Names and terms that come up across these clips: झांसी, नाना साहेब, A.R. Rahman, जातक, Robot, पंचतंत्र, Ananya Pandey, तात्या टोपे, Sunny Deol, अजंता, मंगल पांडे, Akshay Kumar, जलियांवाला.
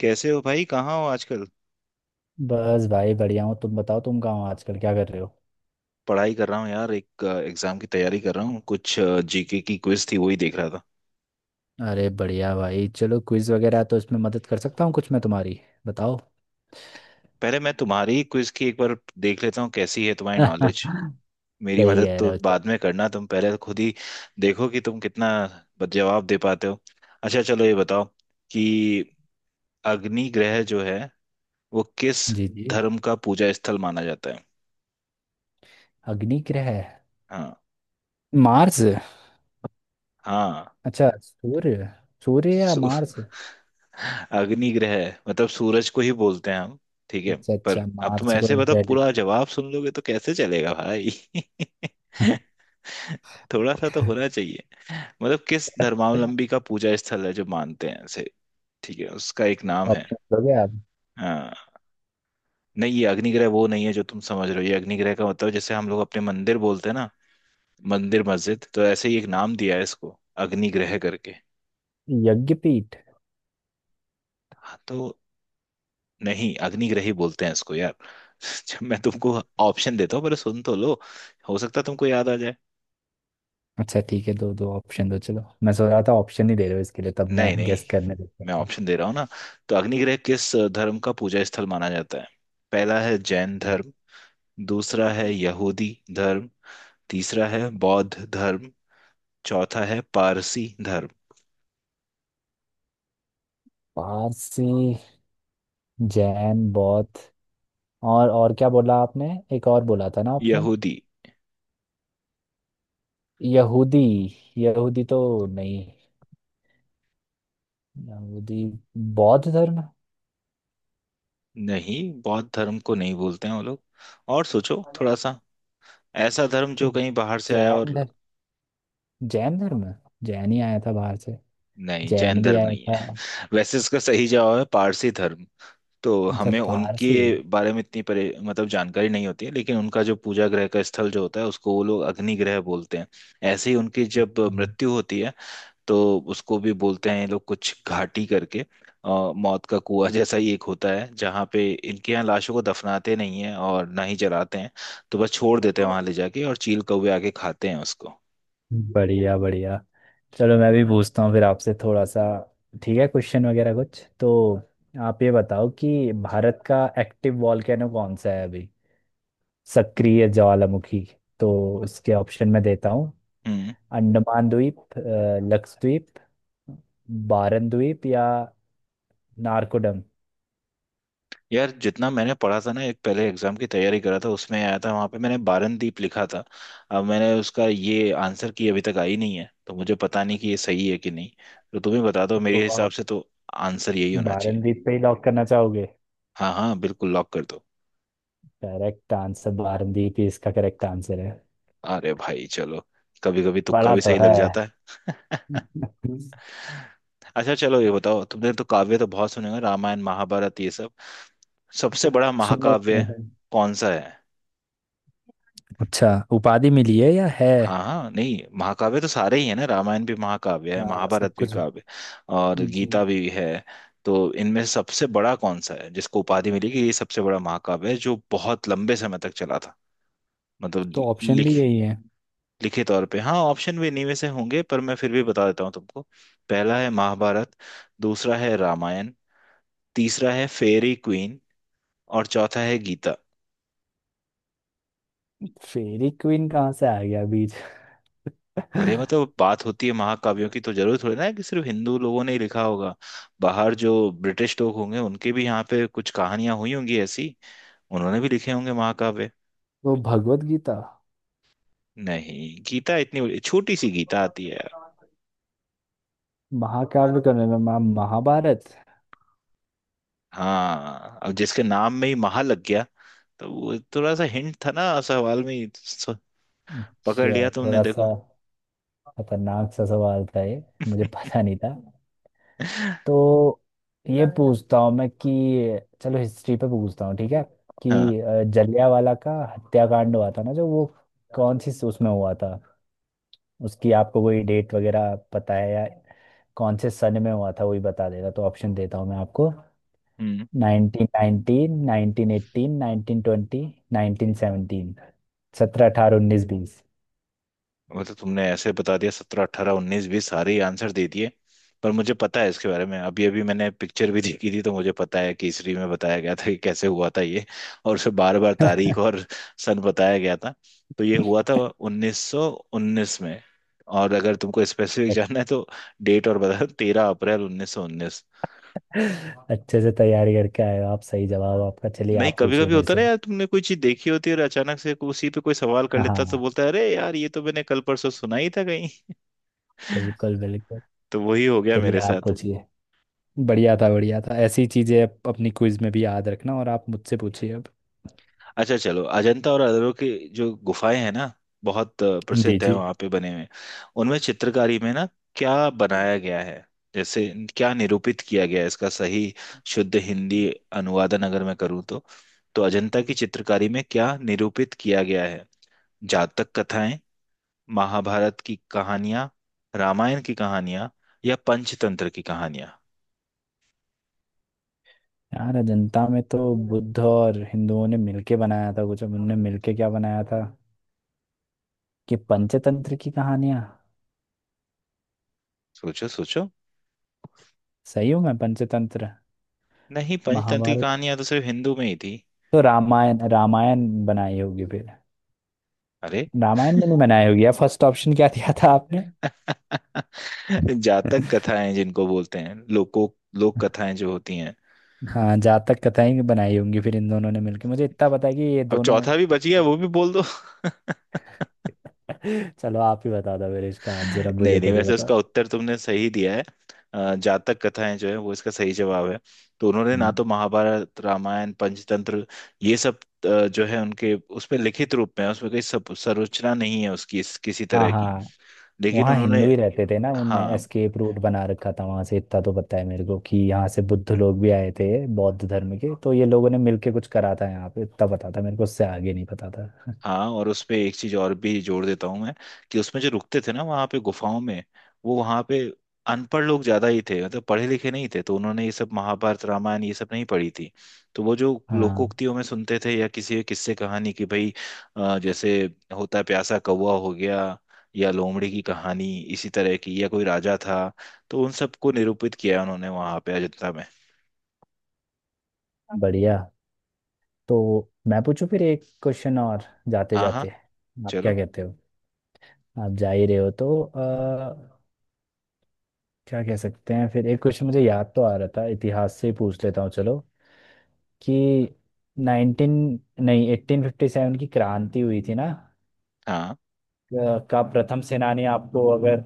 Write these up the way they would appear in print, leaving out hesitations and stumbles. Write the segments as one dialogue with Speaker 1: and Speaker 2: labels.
Speaker 1: कैसे हो भाई? कहाँ हो आजकल?
Speaker 2: बस भाई बढ़िया हूँ। तुम बताओ, तुम कहाँ हो आजकल, क्या कर रहे हो?
Speaker 1: पढ़ाई कर रहा हूँ यार। एक एग्जाम की तैयारी कर रहा हूँ। कुछ जीके की क्विज थी वही देख रहा था।
Speaker 2: अरे बढ़िया भाई, चलो क्विज वगैरह है तो इसमें मदद कर सकता हूँ कुछ मैं तुम्हारी। बताओ।
Speaker 1: पहले मैं तुम्हारी क्विज की एक बार देख लेता हूँ कैसी है तुम्हारी नॉलेज। मेरी
Speaker 2: सही
Speaker 1: मदद
Speaker 2: कह
Speaker 1: तो
Speaker 2: रहे हो, चलो।
Speaker 1: बाद में करना, तुम पहले खुद ही देखो कि तुम कितना जवाब दे पाते हो। अच्छा चलो ये बताओ कि अग्नि ग्रह जो है वो किस
Speaker 2: जी जी।
Speaker 1: धर्म का पूजा स्थल माना जाता है?
Speaker 2: अग्नि ग्रह।
Speaker 1: हाँ।
Speaker 2: मार्स।
Speaker 1: हाँ,
Speaker 2: अच्छा सूर्य। सूर्य या मार्स।
Speaker 1: अग्निग्रह मतलब सूरज को ही बोलते हैं हम? ठीक है।
Speaker 2: अच्छा
Speaker 1: पर
Speaker 2: अच्छा,
Speaker 1: अब तुम
Speaker 2: मार्स को।
Speaker 1: ऐसे बताओ,
Speaker 2: रेड।
Speaker 1: पूरा जवाब सुन लोगे तो कैसे चलेगा भाई? थोड़ा सा तो होना चाहिए। मतलब किस धर्मावलंबी का पूजा स्थल है जो मानते हैं ऐसे। ठीक है, उसका एक नाम है।
Speaker 2: ऑप्शन दोगे आप?
Speaker 1: हाँ। नहीं, ये अग्निग्रह वो नहीं है जो तुम समझ रहे हो। ये अग्निग्रह का मतलब, जैसे हम लोग अपने मंदिर बोलते हैं ना, मंदिर मस्जिद, तो ऐसे ही एक नाम दिया है इसको अग्निग्रह करके।
Speaker 2: यज्ञपीठ।
Speaker 1: हाँ तो। नहीं, अग्निग्रह ही बोलते हैं इसको यार। जब मैं तुमको ऑप्शन देता हूँ पहले सुन तो लो। हो सकता है तुमको याद आ जाए।
Speaker 2: अच्छा ठीक है, दो दो ऑप्शन दो। चलो मैं सोच रहा था ऑप्शन ही दे रहे हो इसके लिए, तब मैं
Speaker 1: नहीं नहीं,
Speaker 2: गेस करने लगता
Speaker 1: मैं
Speaker 2: था।
Speaker 1: ऑप्शन दे रहा हूँ ना। तो अग्निग्रह किस धर्म का पूजा स्थल माना जाता है? पहला है जैन धर्म। दूसरा है यहूदी धर्म। तीसरा है बौद्ध धर्म। चौथा है पारसी धर्म।
Speaker 2: पारसी। जैन, बौद्ध। और क्या बोला आपने? एक और बोला था ना ऑप्शन।
Speaker 1: यहूदी?
Speaker 2: यहूदी। यहूदी तो नहीं। यहूदी बौद्ध धर्म है।
Speaker 1: नहीं, बौद्ध धर्म को नहीं बोलते हैं वो लोग। और सोचो थोड़ा सा, ऐसा धर्म
Speaker 2: तो
Speaker 1: जो कहीं बाहर से आया,
Speaker 2: जैन
Speaker 1: और।
Speaker 2: धर्म। जैन धर्म है। जैन ही आया था बाहर से।
Speaker 1: नहीं, जैन
Speaker 2: जैन भी
Speaker 1: धर्म
Speaker 2: आया
Speaker 1: नहीं
Speaker 2: था।
Speaker 1: है। वैसे इसका सही जवाब है पारसी धर्म। तो
Speaker 2: अच्छा
Speaker 1: हमें उनके
Speaker 2: पारसी।
Speaker 1: बारे में इतनी परे मतलब जानकारी नहीं होती है, लेकिन उनका जो पूजा ग्रह का स्थल जो होता है उसको वो लोग अग्नि ग्रह बोलते हैं। ऐसे ही उनकी जब मृत्यु होती है, तो उसको भी बोलते हैं ये लोग कुछ घाटी करके। मौत का कुआं जैसा ही एक होता है जहाँ पे इनके यहाँ लाशों को दफनाते नहीं है और ना ही जलाते हैं। तो बस छोड़ देते हैं वहां ले जाके, और चील कौवे आके खाते हैं उसको।
Speaker 2: बढ़िया बढ़िया। चलो मैं भी पूछता हूँ फिर आपसे थोड़ा सा। ठीक है, क्वेश्चन वगैरह कुछ तो। आप ये बताओ कि भारत का एक्टिव वॉल्केनो कौन सा है अभी, सक्रिय ज्वालामुखी। तो इसके ऑप्शन में देता हूँ।
Speaker 1: हम्म।
Speaker 2: अंडमान द्वीप, लक्षद्वीप, बारन द्वीप या नारकोडम।
Speaker 1: यार जितना मैंने पढ़ा था ना, एक पहले एग्जाम की तैयारी करा था उसमें आया था, वहां पे मैंने बारनदीप लिखा था। अब मैंने उसका ये आंसर की अभी तक आई नहीं है, तो मुझे पता नहीं कि ये सही है कि नहीं। तो तुम ही बता दो,
Speaker 2: तो
Speaker 1: मेरे हिसाब
Speaker 2: आप
Speaker 1: से तो आंसर यही होना चाहिए।
Speaker 2: बारन द्वीप पे ही लॉक करना चाहोगे?
Speaker 1: हाँ हाँ, बिल्कुल लॉक कर दो।
Speaker 2: करेक्ट आंसर बारन द्वीप ही इसका करेक्ट आंसर है।
Speaker 1: अरे भाई चलो, कभी कभी तुक्का
Speaker 2: पढ़ा
Speaker 1: भी
Speaker 2: तो
Speaker 1: सही लग
Speaker 2: है।
Speaker 1: जाता है। अच्छा चलो ये बताओ, तुमने तो काव्य तो बहुत सुने होंगे, रामायण महाभारत ये सब। सबसे बड़ा
Speaker 2: सुने तो
Speaker 1: महाकाव्य
Speaker 2: है।
Speaker 1: कौन सा है?
Speaker 2: अच्छा, उपाधि मिली है या है?
Speaker 1: हाँ हाँ, नहीं, महाकाव्य तो सारे ही है ना। रामायण भी महाकाव्य है,
Speaker 2: हाँ सब
Speaker 1: महाभारत भी
Speaker 2: कुछ।
Speaker 1: काव्य, और
Speaker 2: जी।
Speaker 1: गीता भी है। तो इनमें सबसे बड़ा कौन सा है जिसको उपाधि मिली कि ये सबसे बड़ा महाकाव्य है जो बहुत लंबे समय तक चला था, मतलब
Speaker 2: तो
Speaker 1: लि-
Speaker 2: ऑप्शन भी
Speaker 1: लिख
Speaker 2: यही है।
Speaker 1: लिखे तौर पे। हाँ, ऑप्शन भी इन्हीं में से होंगे, पर मैं फिर भी बता देता हूँ तुमको। पहला है महाभारत। दूसरा है रामायण। तीसरा है फेरी क्वीन। और चौथा है गीता।
Speaker 2: फेरी क्वीन कहाँ से आ गया बीच?
Speaker 1: अरे मतलब बात होती है महाकाव्यों की, तो जरूर थोड़ी ना है कि सिर्फ हिंदू लोगों ने ही लिखा होगा। बाहर जो ब्रिटिश लोग होंगे उनके भी यहाँ पे कुछ कहानियां हुई होंगी ऐसी, उन्होंने भी लिखे होंगे महाकाव्य।
Speaker 2: वो भगवत गीता।
Speaker 1: नहीं, गीता इतनी छोटी सी गीता आती है यार।
Speaker 2: महाकाव्य के में मैम महाभारत।
Speaker 1: हाँ, अब जिसके नाम में ही महा लग गया, तो वो थोड़ा सा हिंट था ना सवाल में ही, पकड़
Speaker 2: अच्छा
Speaker 1: लिया तुमने
Speaker 2: थोड़ा
Speaker 1: देखो।
Speaker 2: सा। खतरनाक सा सवाल था ये, मुझे पता नहीं था। तो ये पूछता हूँ मैं कि, चलो हिस्ट्री पे पूछता हूँ, ठीक है।
Speaker 1: हाँ।
Speaker 2: कि जलियांवाला का हत्याकांड हुआ था ना जो वो, कौन सी उसमें हुआ था। उसकी आपको कोई डेट वगैरह पता है या कौन से सन में हुआ था वही बता देगा? तो ऑप्शन देता हूँ मैं आपको।
Speaker 1: हम्म।
Speaker 2: Nineteen nineteen, nineteen eighteen, nineteen twenty, nineteen seventeen. सत्रह, अठारह, उन्नीस, बीस।
Speaker 1: वो तो तुमने ऐसे बता दिया सत्रह अट्ठारह उन्नीस बीस, सारे ही आंसर दे दिए। पर मुझे पता है इसके बारे में, अभी अभी मैंने पिक्चर भी देखी थी, तो मुझे पता है केसरी में बताया गया था कि कैसे हुआ था ये। और उसे बार बार तारीख और सन बताया गया था। तो ये हुआ था 1919 में। और अगर तुमको स्पेसिफिक
Speaker 2: अच्छे
Speaker 1: जानना है तो डेट और बता, तेरह अप्रैल 1919।
Speaker 2: से तैयारी करके आए हो आप, सही जवाब आपका। चलिए
Speaker 1: नहीं,
Speaker 2: आप
Speaker 1: कभी
Speaker 2: पूछिए
Speaker 1: कभी
Speaker 2: मेरे
Speaker 1: होता
Speaker 2: से।
Speaker 1: ना यार, तुमने कोई चीज देखी होती है और अचानक से उसी पे कोई सवाल कर लेता तो
Speaker 2: हाँ
Speaker 1: बोलता है, अरे यार ये तो मैंने कल परसों सुना ही था कहीं।
Speaker 2: बिल्कुल बिल्कुल।
Speaker 1: तो वही हो गया
Speaker 2: चलिए
Speaker 1: मेरे
Speaker 2: आप
Speaker 1: साथ।
Speaker 2: पूछिए। बढ़िया था बढ़िया था, ऐसी चीजें अपनी क्विज में भी याद रखना। और आप मुझसे पूछिए अब।
Speaker 1: अच्छा चलो, अजंता और एलोरा की जो गुफाएं हैं ना, बहुत
Speaker 2: जी
Speaker 1: प्रसिद्ध है
Speaker 2: जी।
Speaker 1: वहां पे बने हुए। उनमें चित्रकारी में ना, क्या बनाया गया है, जैसे क्या निरूपित किया गया है, इसका सही शुद्ध हिंदी अनुवादन अगर मैं करूँ तो। तो अजंता की चित्रकारी में क्या निरूपित किया गया है? जातक कथाएं, महाभारत की कहानियां, रामायण की कहानियां, या पंचतंत्र की कहानियां।
Speaker 2: यार अजंता में तो बुद्ध और हिंदुओं ने मिलके बनाया था कुछ, अब उनने मिलके क्या बनाया था? कि पंचतंत्र की कहानियां।
Speaker 1: सोचो सोचो।
Speaker 2: सही हूँ मैं, पंचतंत्र?
Speaker 1: नहीं, पंचतंत्र की
Speaker 2: महाभारत।
Speaker 1: कहानियां तो सिर्फ हिंदू में ही थी।
Speaker 2: तो रामायण, रामायण बनाई होगी फिर।
Speaker 1: अरे
Speaker 2: रामायण में नहीं बनाई होगी यार। फर्स्ट ऑप्शन क्या दिया था आपने?
Speaker 1: जातक कथाएं, जिनको बोलते हैं लोक कथाएं जो होती हैं।
Speaker 2: हाँ जातक कथाएं भी बनाई होंगी फिर, इन दोनों ने मिलकर। मुझे इतना पता है कि ये
Speaker 1: अब
Speaker 2: दोनों
Speaker 1: चौथा भी बच गया, वो भी बोल दो।
Speaker 2: चलो आप ही बता दो मेरे इसका आंसर, अब
Speaker 1: नहीं
Speaker 2: मुझे
Speaker 1: नहीं,
Speaker 2: तो नहीं
Speaker 1: वैसे
Speaker 2: पता।
Speaker 1: उसका उत्तर तुमने सही दिया है। जातक कथाएं जो है वो इसका सही जवाब है। तो उन्होंने ना
Speaker 2: हम्म।
Speaker 1: तो महाभारत रामायण पंचतंत्र, ये सब जो है उनके उसमें लिखित रूप में है, उसमें कोई सब संरचना नहीं है उसकी, किसी
Speaker 2: हाँ
Speaker 1: तरह की।
Speaker 2: हाँ,
Speaker 1: लेकिन
Speaker 2: वहाँ
Speaker 1: उन्होंने।
Speaker 2: हिंदू ही रहते थे ना, उनने
Speaker 1: हाँ
Speaker 2: एस्केप रूट बना रखा था वहाँ से। इतना तो पता है मेरे को कि यहाँ से बुद्ध लोग भी आए थे। बौद्ध धर्म के तो ये लोगों ने मिलके कुछ करा था यहाँ पे, इतना पता था मेरे को, उससे आगे नहीं पता था।
Speaker 1: हाँ, और उसपे एक चीज और भी जोड़ देता हूँ मैं, कि उसमें जो रुकते थे ना वहाँ पे गुफाओं में, वो वहाँ पे अनपढ़ लोग ज्यादा ही थे, मतलब पढ़े लिखे नहीं थे, तो उन्होंने ये सब महाभारत रामायण ये सब नहीं पढ़ी थी। तो वो जो
Speaker 2: हाँ।
Speaker 1: लोकोक्तियों में सुनते थे, या किसी किस्से कहानी की भाई, जैसे होता है प्यासा कौवा हो गया, या लोमड़ी की कहानी, इसी तरह की, या कोई राजा था, तो उन सबको निरूपित किया उन्होंने वहाँ पे अजंता में।
Speaker 2: बढ़िया। तो मैं पूछूं फिर एक क्वेश्चन और, जाते
Speaker 1: हाँ हाँ।
Speaker 2: जाते। आप
Speaker 1: चलो।
Speaker 2: क्या कहते हो? आप जा ही रहे हो तो क्या कह सकते हैं फिर एक क्वेश्चन। मुझे याद तो आ रहा था, इतिहास से ही पूछ लेता हूँ चलो। कि 19 नहीं 1857 की क्रांति हुई थी ना,
Speaker 1: हाँ,
Speaker 2: का प्रथम सेनानी आपको अगर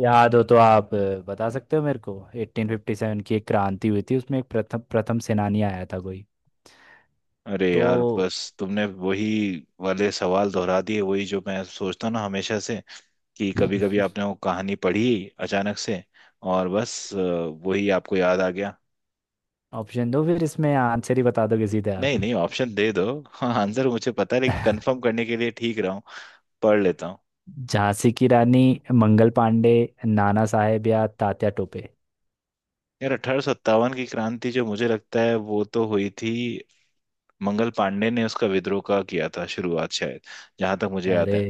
Speaker 2: याद हो तो आप बता सकते हो मेरे को। 1857 की एक क्रांति हुई थी, उसमें एक प्रथम प्रथम सेनानी आया था कोई।
Speaker 1: अरे
Speaker 2: तो
Speaker 1: यार, बस तुमने वही वाले सवाल दोहरा दिए, वही जो मैं सोचता हूँ ना हमेशा से, कि कभी कभी आपने वो कहानी पढ़ी अचानक से, और बस वही आपको याद आ गया।
Speaker 2: ऑप्शन दो फिर, इसमें आंसर ही बता दोगे सीधे
Speaker 1: नहीं
Speaker 2: आप?
Speaker 1: नहीं, ऑप्शन दे दो। हाँ, आंसर मुझे पता है, लेकिन कंफर्म करने के लिए ठीक रहा हूँ, पढ़ लेता हूँ।
Speaker 2: झांसी की रानी, मंगल पांडे, नाना साहेब या तात्या टोपे।
Speaker 1: यार 1857 की क्रांति, जो मुझे लगता है वो तो हुई थी मंगल पांडे ने, उसका विद्रोह का किया था शुरुआत शायद, जहां तक मुझे याद है।
Speaker 2: अरे,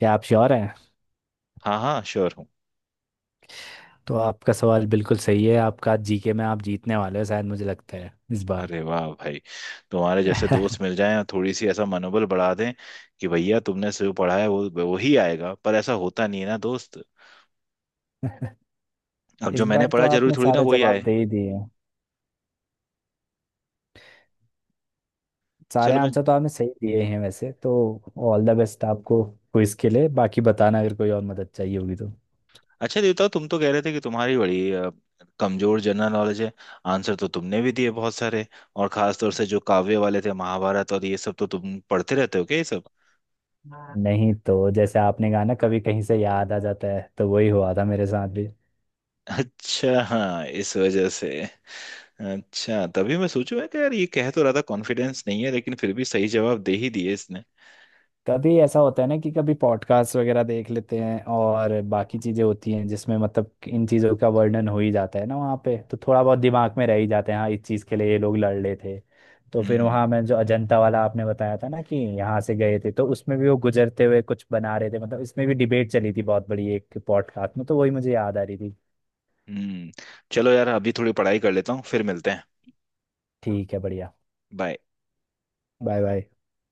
Speaker 2: क्या आप श्योर हैं?
Speaker 1: हाँ हाँ, श्योर।
Speaker 2: तो आपका सवाल बिल्कुल सही है, आपका। जीके में आप जीतने वाले हो शायद, मुझे लगता है इस बार।
Speaker 1: अरे वाह भाई, तुम्हारे जैसे दोस्त मिल जाएं और थोड़ी सी ऐसा मनोबल बढ़ा दें कि भैया तुमने जो पढ़ा है वो वही आएगा, पर ऐसा होता नहीं है ना दोस्त। अब
Speaker 2: इस
Speaker 1: जो मैंने
Speaker 2: बार तो
Speaker 1: पढ़ा जरूरी
Speaker 2: आपने
Speaker 1: थोड़ी ना
Speaker 2: सारे
Speaker 1: वही
Speaker 2: जवाब
Speaker 1: आए।
Speaker 2: दे ही दिए हैं, सारे
Speaker 1: चलो मैं।
Speaker 2: आंसर तो आपने सही दिए हैं वैसे तो। ऑल द बेस्ट आपको क्विज के लिए, बाकी बताना अगर कोई और मदद चाहिए होगी तो।
Speaker 1: अच्छा देवता, तुम तो कह रहे थे कि तुम्हारी बड़ी कमजोर जनरल नॉलेज है। आंसर तो तुमने भी दिए बहुत सारे, और खास तौर से जो काव्य वाले थे महाभारत और ये सब, तो तुम पढ़ते रहते हो क्या ये सब?
Speaker 2: हाँ। नहीं तो जैसे आपने कहा ना, कभी कहीं से याद आ जाता है, तो वही हुआ था मेरे साथ भी।
Speaker 1: अच्छा हाँ, इस वजह से। अच्छा, तभी मैं सोचूं मैं कि यार ये कह तो रहा था कॉन्फिडेंस नहीं है, लेकिन फिर भी सही जवाब दे ही दिए इसने।
Speaker 2: कभी ऐसा होता है ना कि कभी पॉडकास्ट वगैरह देख लेते हैं और बाकी चीजें होती हैं जिसमें मतलब इन चीजों का वर्णन हो ही जाता है ना, वहाँ पे तो थोड़ा बहुत दिमाग में रह ही जाते हैं, हाँ इस चीज के लिए ये लोग लड़ रहे थे। तो फिर
Speaker 1: हम्म।
Speaker 2: वहाँ मैं जो अजंता वाला आपने बताया था ना कि यहाँ से गए थे, तो उसमें भी वो गुजरते हुए कुछ बना रहे थे, मतलब इसमें भी डिबेट चली थी बहुत बड़ी एक पॉडकास्ट में, तो वही मुझे याद आ रही थी।
Speaker 1: हम्म। चलो यार, अभी थोड़ी पढ़ाई कर लेता हूँ, फिर मिलते हैं।
Speaker 2: ठीक है बढ़िया।
Speaker 1: बाय।
Speaker 2: Bye bye.